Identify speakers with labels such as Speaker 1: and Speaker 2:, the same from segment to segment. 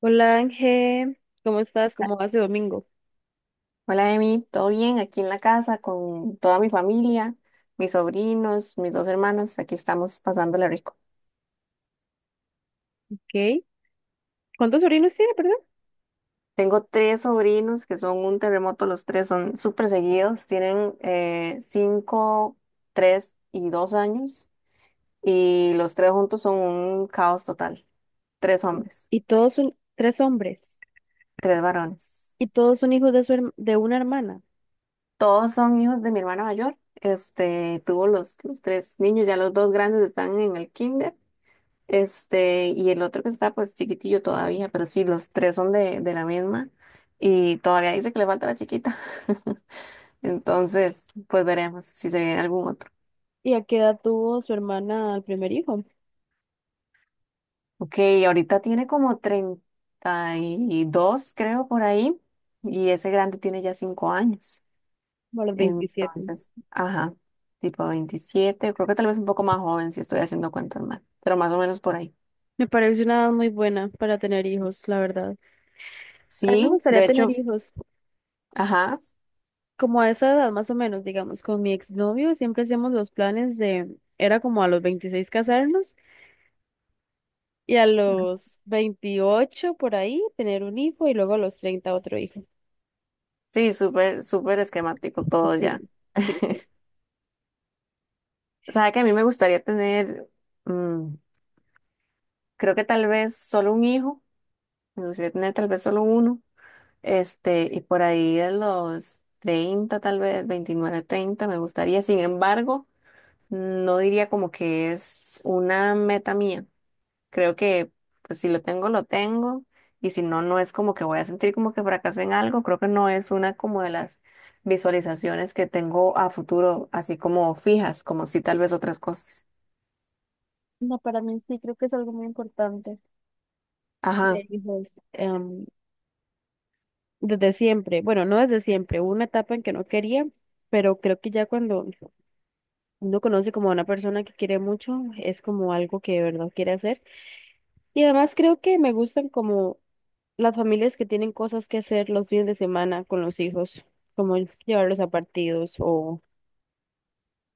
Speaker 1: Hola Ángel, ¿cómo estás? ¿Cómo vas de domingo?
Speaker 2: Hola, Emi, ¿todo bien? Aquí en la casa con toda mi familia, mis sobrinos, mis dos hermanas, aquí estamos pasándola rico.
Speaker 1: ¿Ok? ¿Cuántos sobrinos tiene, perdón?
Speaker 2: Tengo tres sobrinos que son un terremoto, los tres son súper seguidos, tienen 5, 3 y 2 años, y los tres juntos son un caos total. Tres hombres,
Speaker 1: Y todos son tres hombres.
Speaker 2: tres varones.
Speaker 1: Y todos son hijos de una hermana.
Speaker 2: Todos son hijos de mi hermana mayor, tuvo los tres niños, ya los dos grandes están en el kinder. Y el otro que está pues chiquitillo todavía, pero sí, los tres son de la misma, y todavía dice que le falta la chiquita. Entonces, pues veremos si se viene algún otro.
Speaker 1: ¿Y a qué edad tuvo su hermana al primer hijo?
Speaker 2: Ok, ahorita tiene como 32, creo, por ahí, y ese grande tiene ya 5 años.
Speaker 1: Como a los 27.
Speaker 2: Entonces, ajá, tipo 27, creo que tal vez un poco más joven si estoy haciendo cuentas mal, pero más o menos por ahí.
Speaker 1: Me parece una edad muy buena para tener hijos, la verdad. A mí me
Speaker 2: Sí,
Speaker 1: gustaría
Speaker 2: de
Speaker 1: tener
Speaker 2: hecho,
Speaker 1: hijos
Speaker 2: ajá,
Speaker 1: como a esa edad, más o menos, digamos. Con mi exnovio siempre hacíamos los planes de, era como a los 26 casarnos y a los 28 por ahí tener un hijo y luego a los 30 otro hijo.
Speaker 2: sí, súper, súper esquemático todo ya.
Speaker 1: Sí, sí, sí.
Speaker 2: O sea, que a mí me gustaría tener, mm, creo que tal vez solo un hijo, me gustaría tener tal vez solo uno, y por ahí de los 30, tal vez 29, 30, me gustaría. Sin embargo, no diría como que es una meta mía. Creo que, pues, si lo tengo, lo tengo, y si no, no es como que voy a sentir como que fracasé en algo. Creo que no es una como de las visualizaciones que tengo a futuro, así como fijas, como si tal vez otras cosas.
Speaker 1: No, para mí sí creo que es algo muy importante.
Speaker 2: Ajá.
Speaker 1: De hijos, desde siempre, bueno, no desde siempre, hubo una etapa en que no quería, pero creo que ya cuando uno conoce como a una persona que quiere mucho, es como algo que de verdad quiere hacer. Y además creo que me gustan como las familias que tienen cosas que hacer los fines de semana con los hijos, como llevarlos a partidos o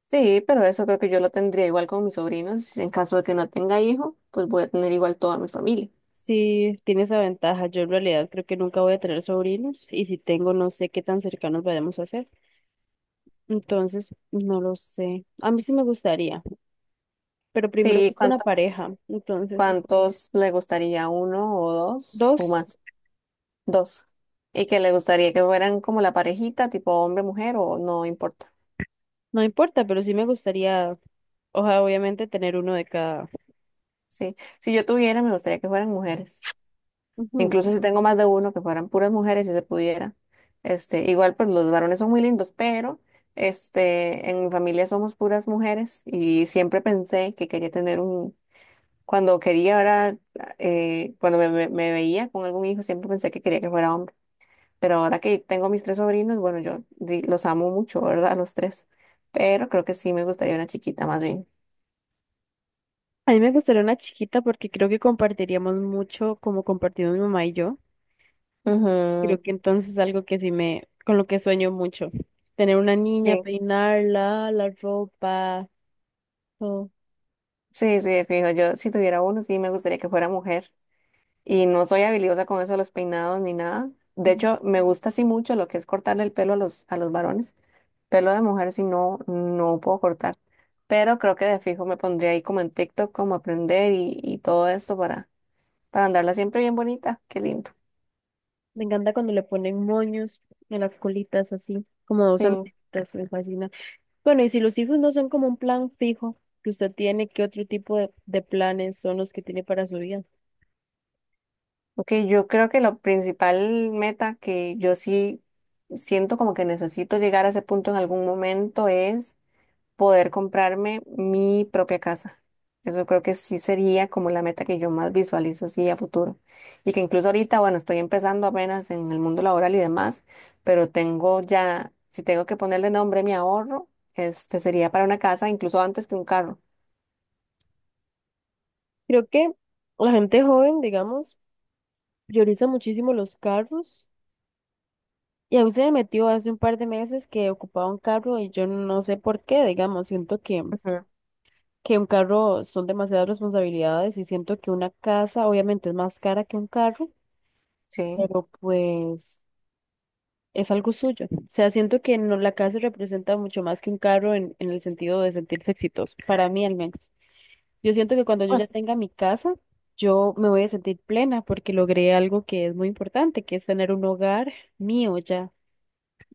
Speaker 2: Sí, pero eso creo que yo lo tendría igual con mis sobrinos. En caso de que no tenga hijo, pues voy a tener igual toda mi familia.
Speaker 1: si tiene esa ventaja. Yo en realidad creo que nunca voy a tener sobrinos y si tengo, no sé qué tan cercanos vayamos a hacer. Entonces, no lo sé. A mí sí me gustaría, pero primero
Speaker 2: Sí,
Speaker 1: ocupo una
Speaker 2: ¿cuántos,
Speaker 1: pareja. Entonces,
Speaker 2: cuántos le gustaría? ¿Uno o dos o
Speaker 1: dos,
Speaker 2: más? Dos. Y que le gustaría que fueran como la parejita, tipo hombre-mujer, o no importa.
Speaker 1: no importa, pero sí me gustaría, ojalá obviamente tener uno de cada.
Speaker 2: Sí, si yo tuviera, me gustaría que fueran mujeres.
Speaker 1: Ujú.
Speaker 2: Incluso si tengo más de uno, que fueran puras mujeres, si se pudiera. Igual, pues los varones son muy lindos, pero... en mi familia somos puras mujeres y siempre pensé que quería tener un, Cuando quería ahora, cuando me veía con algún hijo, siempre pensé que quería que fuera hombre. Pero ahora que tengo mis tres sobrinos, bueno, yo los amo mucho, ¿verdad? A los tres. Pero creo que sí me gustaría una chiquita más bien.
Speaker 1: A mí me gustaría una chiquita porque creo que compartiríamos mucho como compartimos mi mamá y yo.
Speaker 2: Ujú.
Speaker 1: Creo que entonces es algo que sí me, con lo que sueño mucho. Tener una niña,
Speaker 2: Sí,
Speaker 1: peinarla, la ropa, todo.
Speaker 2: sí, sí, de fijo. Yo, si tuviera uno, sí me gustaría que fuera mujer. Y no soy habilidosa con eso de los peinados ni nada. De
Speaker 1: Ujú.
Speaker 2: hecho, me gusta así mucho lo que es cortarle el pelo a los varones. Pelo de mujer, si no, no puedo cortar. Pero creo que de fijo me pondría ahí como en TikTok, como aprender y todo esto para andarla siempre bien bonita. Qué lindo.
Speaker 1: Me encanta cuando le ponen moños en las colitas así, como dos
Speaker 2: Sí.
Speaker 1: antenitas, me fascina. Bueno, y si los hijos no son como un plan fijo que usted tiene, ¿qué otro tipo de planes son los que tiene para su vida?
Speaker 2: Ok, yo creo que la principal meta, que yo sí siento como que necesito llegar a ese punto en algún momento, es poder comprarme mi propia casa. Eso creo que sí sería como la meta que yo más visualizo así a futuro. Y que incluso ahorita, bueno, estoy empezando apenas en el mundo laboral y demás, pero tengo ya, si tengo que ponerle nombre a mi ahorro, este sería para una casa, incluso antes que un carro.
Speaker 1: Creo que la gente joven, digamos, prioriza muchísimo los carros. Y a mí se me metió hace un par de meses que ocupaba un carro y yo no sé por qué, digamos, siento
Speaker 2: Ujú.
Speaker 1: que un carro son demasiadas responsabilidades y siento que una casa obviamente es más cara que un carro,
Speaker 2: Sí.
Speaker 1: pero pues... es algo suyo. O sea, siento que no, la casa representa mucho más que un carro en el sentido de sentirse exitoso, para mí al menos. Yo siento que cuando yo ya
Speaker 2: Pues,
Speaker 1: tenga mi casa, yo me voy a sentir plena porque logré algo que es muy importante, que es tener un hogar mío ya.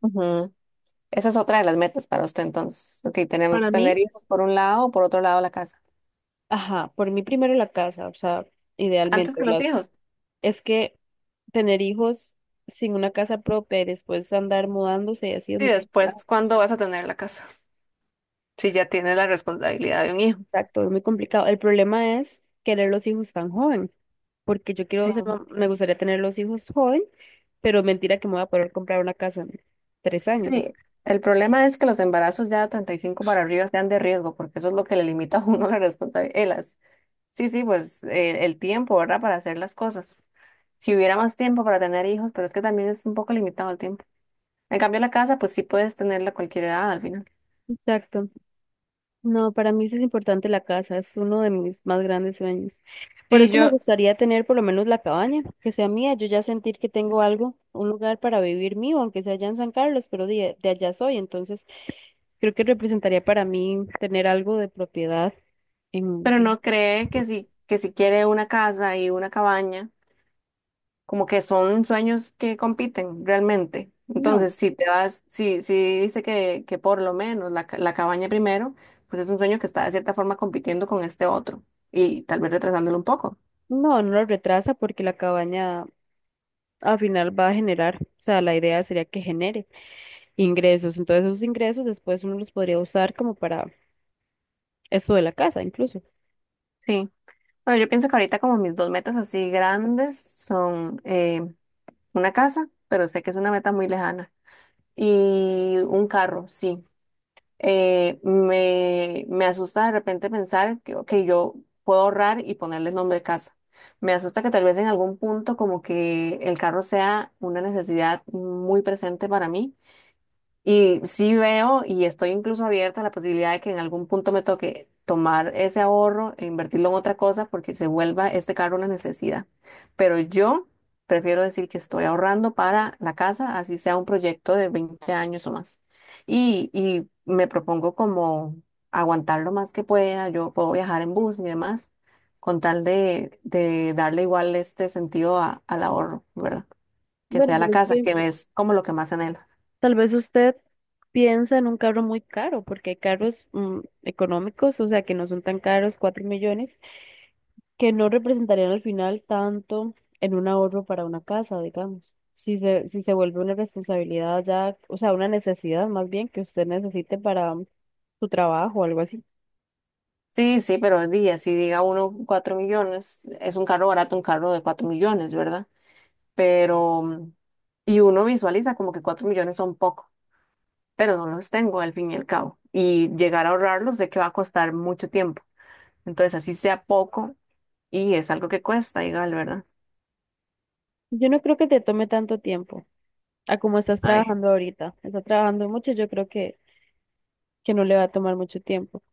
Speaker 2: Ujú. Esa es otra de las metas para usted, entonces. Ok, tenemos
Speaker 1: Para mí,
Speaker 2: tener hijos por un lado, por otro lado la casa.
Speaker 1: ajá, por mí primero la casa, o sea,
Speaker 2: Antes
Speaker 1: idealmente,
Speaker 2: que
Speaker 1: o
Speaker 2: los
Speaker 1: las,
Speaker 2: hijos.
Speaker 1: es que tener hijos sin una casa propia y después andar mudándose y así es
Speaker 2: Y
Speaker 1: muy
Speaker 2: después,
Speaker 1: complicado.
Speaker 2: ¿cuándo vas a tener la casa? Si ya tienes la responsabilidad de un hijo.
Speaker 1: Exacto, es muy complicado. El problema es querer los hijos tan joven, porque yo quiero ser,
Speaker 2: Sí.
Speaker 1: me gustaría tener los hijos joven, pero mentira que me voy a poder comprar una casa en 3 años.
Speaker 2: Sí, el problema es que los embarazos ya de 35 para arriba sean de riesgo, porque eso es lo que le limita a uno la responsabilidad. Sí, sí, pues el tiempo, ¿verdad? Para hacer las cosas. Si hubiera más tiempo para tener hijos, pero es que también es un poco limitado el tiempo. En cambio, la casa, pues sí puedes tenerla a cualquier edad al final.
Speaker 1: Exacto. No, para mí sí es importante la casa, es uno de mis más grandes sueños. Por
Speaker 2: Sí,
Speaker 1: eso me gustaría tener por lo menos la cabaña, que sea mía, yo ya sentir que tengo algo, un lugar para vivir mío, aunque sea allá en San Carlos, pero de allá soy, entonces creo que representaría para mí tener algo de propiedad en...
Speaker 2: pero sí. ¿No cree que si quiere una casa y una cabaña, como que son sueños que compiten realmente?
Speaker 1: No.
Speaker 2: Entonces, si te vas, si dice que por lo menos la, la cabaña primero, pues es un sueño que está de cierta forma compitiendo con este otro y tal vez retrasándolo un poco.
Speaker 1: No, no lo retrasa porque la cabaña al final va a generar, o sea, la idea sería que genere ingresos. Entonces esos ingresos después uno los podría usar como para esto de la casa incluso.
Speaker 2: Sí. Bueno, yo pienso que ahorita como mis dos metas así grandes son una casa, pero sé que es una meta muy lejana, y un carro, sí. Me asusta de repente pensar que, ok, yo puedo ahorrar y ponerle nombre de casa. Me asusta que tal vez en algún punto como que el carro sea una necesidad muy presente para mí, y sí veo y estoy incluso abierta a la posibilidad de que en algún punto me toque tomar ese ahorro e invertirlo en otra cosa porque se vuelva este carro una necesidad. Pero yo prefiero decir que estoy ahorrando para la casa, así sea un proyecto de 20 años o más. Y me propongo como aguantar lo más que pueda. Yo puedo viajar en bus y demás, con tal de darle igual este sentido al ahorro, ¿verdad? Que
Speaker 1: Bueno,
Speaker 2: sea la
Speaker 1: pero es
Speaker 2: casa,
Speaker 1: que
Speaker 2: que es como lo que más en...
Speaker 1: tal vez usted piensa en un carro muy caro porque hay carros económicos, o sea, que no son tan caros, 4 millones, que no representarían al final tanto en un ahorro para una casa, digamos. Si se vuelve una responsabilidad ya, o sea, una necesidad más bien que usted necesite para su trabajo o algo así.
Speaker 2: Sí, sí, pero es día, si diga uno 4 millones, es un carro barato, un carro de 4 millones, ¿verdad? Pero, y uno visualiza como que 4 millones son poco, pero no los tengo al fin y al cabo. Y llegar a ahorrarlos sé que va a costar mucho tiempo. Entonces, así sea poco, y es algo que cuesta, igual, ¿verdad?
Speaker 1: Yo no creo que te tome tanto tiempo a como estás
Speaker 2: Ay.
Speaker 1: trabajando ahorita. Estás trabajando mucho, yo creo que no le va a tomar mucho tiempo.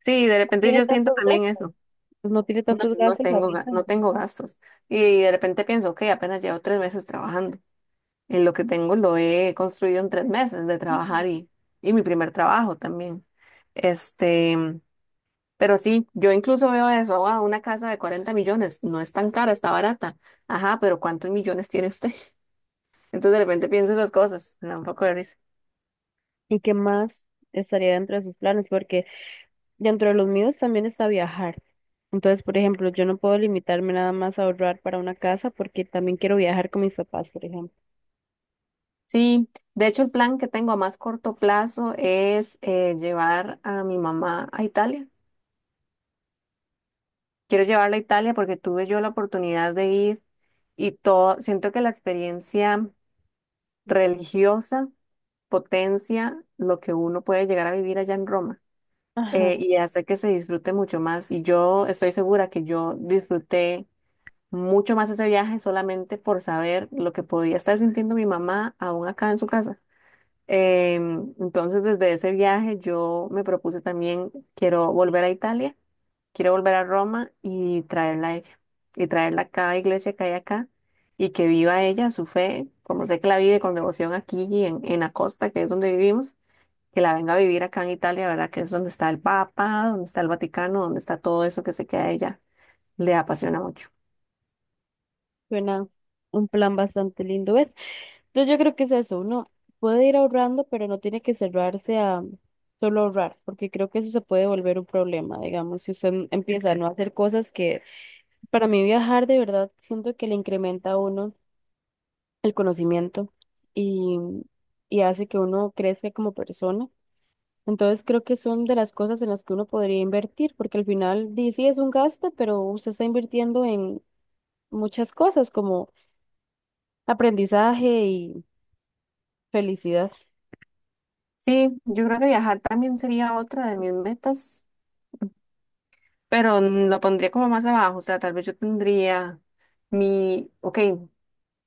Speaker 2: Sí, de
Speaker 1: No
Speaker 2: repente
Speaker 1: tiene
Speaker 2: yo siento
Speaker 1: tantos
Speaker 2: también
Speaker 1: gastos.
Speaker 2: eso.
Speaker 1: Pues no tiene
Speaker 2: No,
Speaker 1: tantos
Speaker 2: no
Speaker 1: gastos
Speaker 2: tengo, ga-
Speaker 1: ahorita.
Speaker 2: no tengo gastos. Y de repente pienso, ok, apenas llevo 3 meses trabajando. En lo que tengo lo he construido en 3 meses de
Speaker 1: Ujú.
Speaker 2: trabajar, y mi primer trabajo también. Este, pero sí, yo incluso veo eso, wow, una casa de 40 millones, no es tan cara, está barata. Ajá, pero ¿cuántos millones tiene usted? Entonces de repente pienso esas cosas, me da un poco de risa.
Speaker 1: ¿Y qué más estaría dentro de sus planes? Porque dentro de los míos también está viajar. Entonces, por ejemplo, yo no puedo limitarme nada más a ahorrar para una casa porque también quiero viajar con mis papás, por ejemplo.
Speaker 2: Sí, de hecho el plan que tengo a más corto plazo es llevar a mi mamá a Italia. Quiero llevarla a Italia porque tuve yo la oportunidad de ir, y todo, siento que la experiencia religiosa potencia lo que uno puede llegar a vivir allá en Roma,
Speaker 1: Ajá,
Speaker 2: y hace que se disfrute mucho más. Y yo estoy segura que yo disfruté mucho más ese viaje solamente por saber lo que podía estar sintiendo mi mamá aún acá en su casa. Entonces, desde ese viaje yo me propuse también, quiero volver a Italia, quiero volver a Roma y traerla a ella, y traerla a cada iglesia que hay acá. Y que viva ella su fe, como sé que la vive con devoción aquí en la costa, que es donde vivimos, que la venga a vivir acá en Italia, ¿verdad? Que es donde está el Papa, donde está el Vaticano, donde está todo eso que sé que a ella le apasiona mucho.
Speaker 1: suena un plan bastante lindo, ¿ves? Entonces yo creo que es eso, uno puede ir ahorrando, pero no tiene que cerrarse a solo ahorrar, porque creo que eso se puede volver un problema, digamos, si usted empieza a no hacer cosas que para mí viajar de verdad siento que le incrementa a uno el conocimiento y, y hace que uno crezca como persona. Entonces creo que son de las cosas en las que uno podría invertir, porque al final di, sí es un gasto, pero usted está invirtiendo en muchas cosas como aprendizaje y felicidad.
Speaker 2: Sí, yo creo que viajar también sería otra de mis metas, pero lo pondría como más abajo, o sea, tal vez yo tendría ok,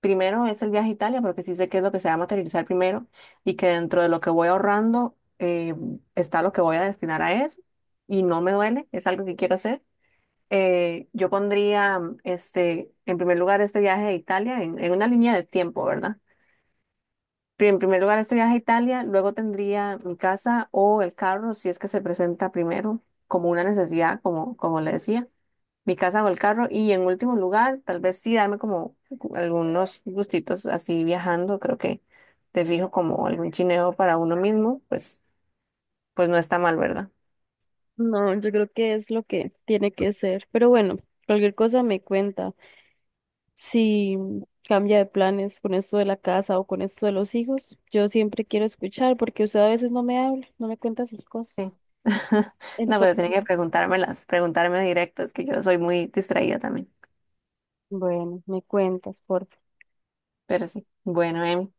Speaker 2: primero es el viaje a Italia, porque sí sé que es lo que se va a materializar primero, y que dentro de lo que voy ahorrando está lo que voy a destinar a eso, y no me duele, es algo que quiero hacer. Yo pondría, en primer lugar, este viaje a Italia, en una línea de tiempo, ¿verdad? En primer lugar este viaje a Italia, luego tendría mi casa o el carro, si es que se presenta primero, como una necesidad, como, como le decía, mi casa o el carro, y en último lugar, tal vez sí darme como algunos gustitos así viajando, creo que te fijo como algún chineo para uno mismo, pues, pues no está mal, ¿verdad?
Speaker 1: No, yo creo que es lo que tiene que ser. Pero bueno, cualquier cosa me cuenta. Si cambia de planes con esto de la casa o con esto de los hijos, yo siempre quiero escuchar porque usted a veces no me habla, no me cuenta sus cosas.
Speaker 2: Sí. No, pero tiene que
Speaker 1: Entonces,
Speaker 2: preguntármelas, preguntarme directo, es que yo soy muy distraída también.
Speaker 1: bueno, me cuentas, por
Speaker 2: Pero sí. Bueno, Em,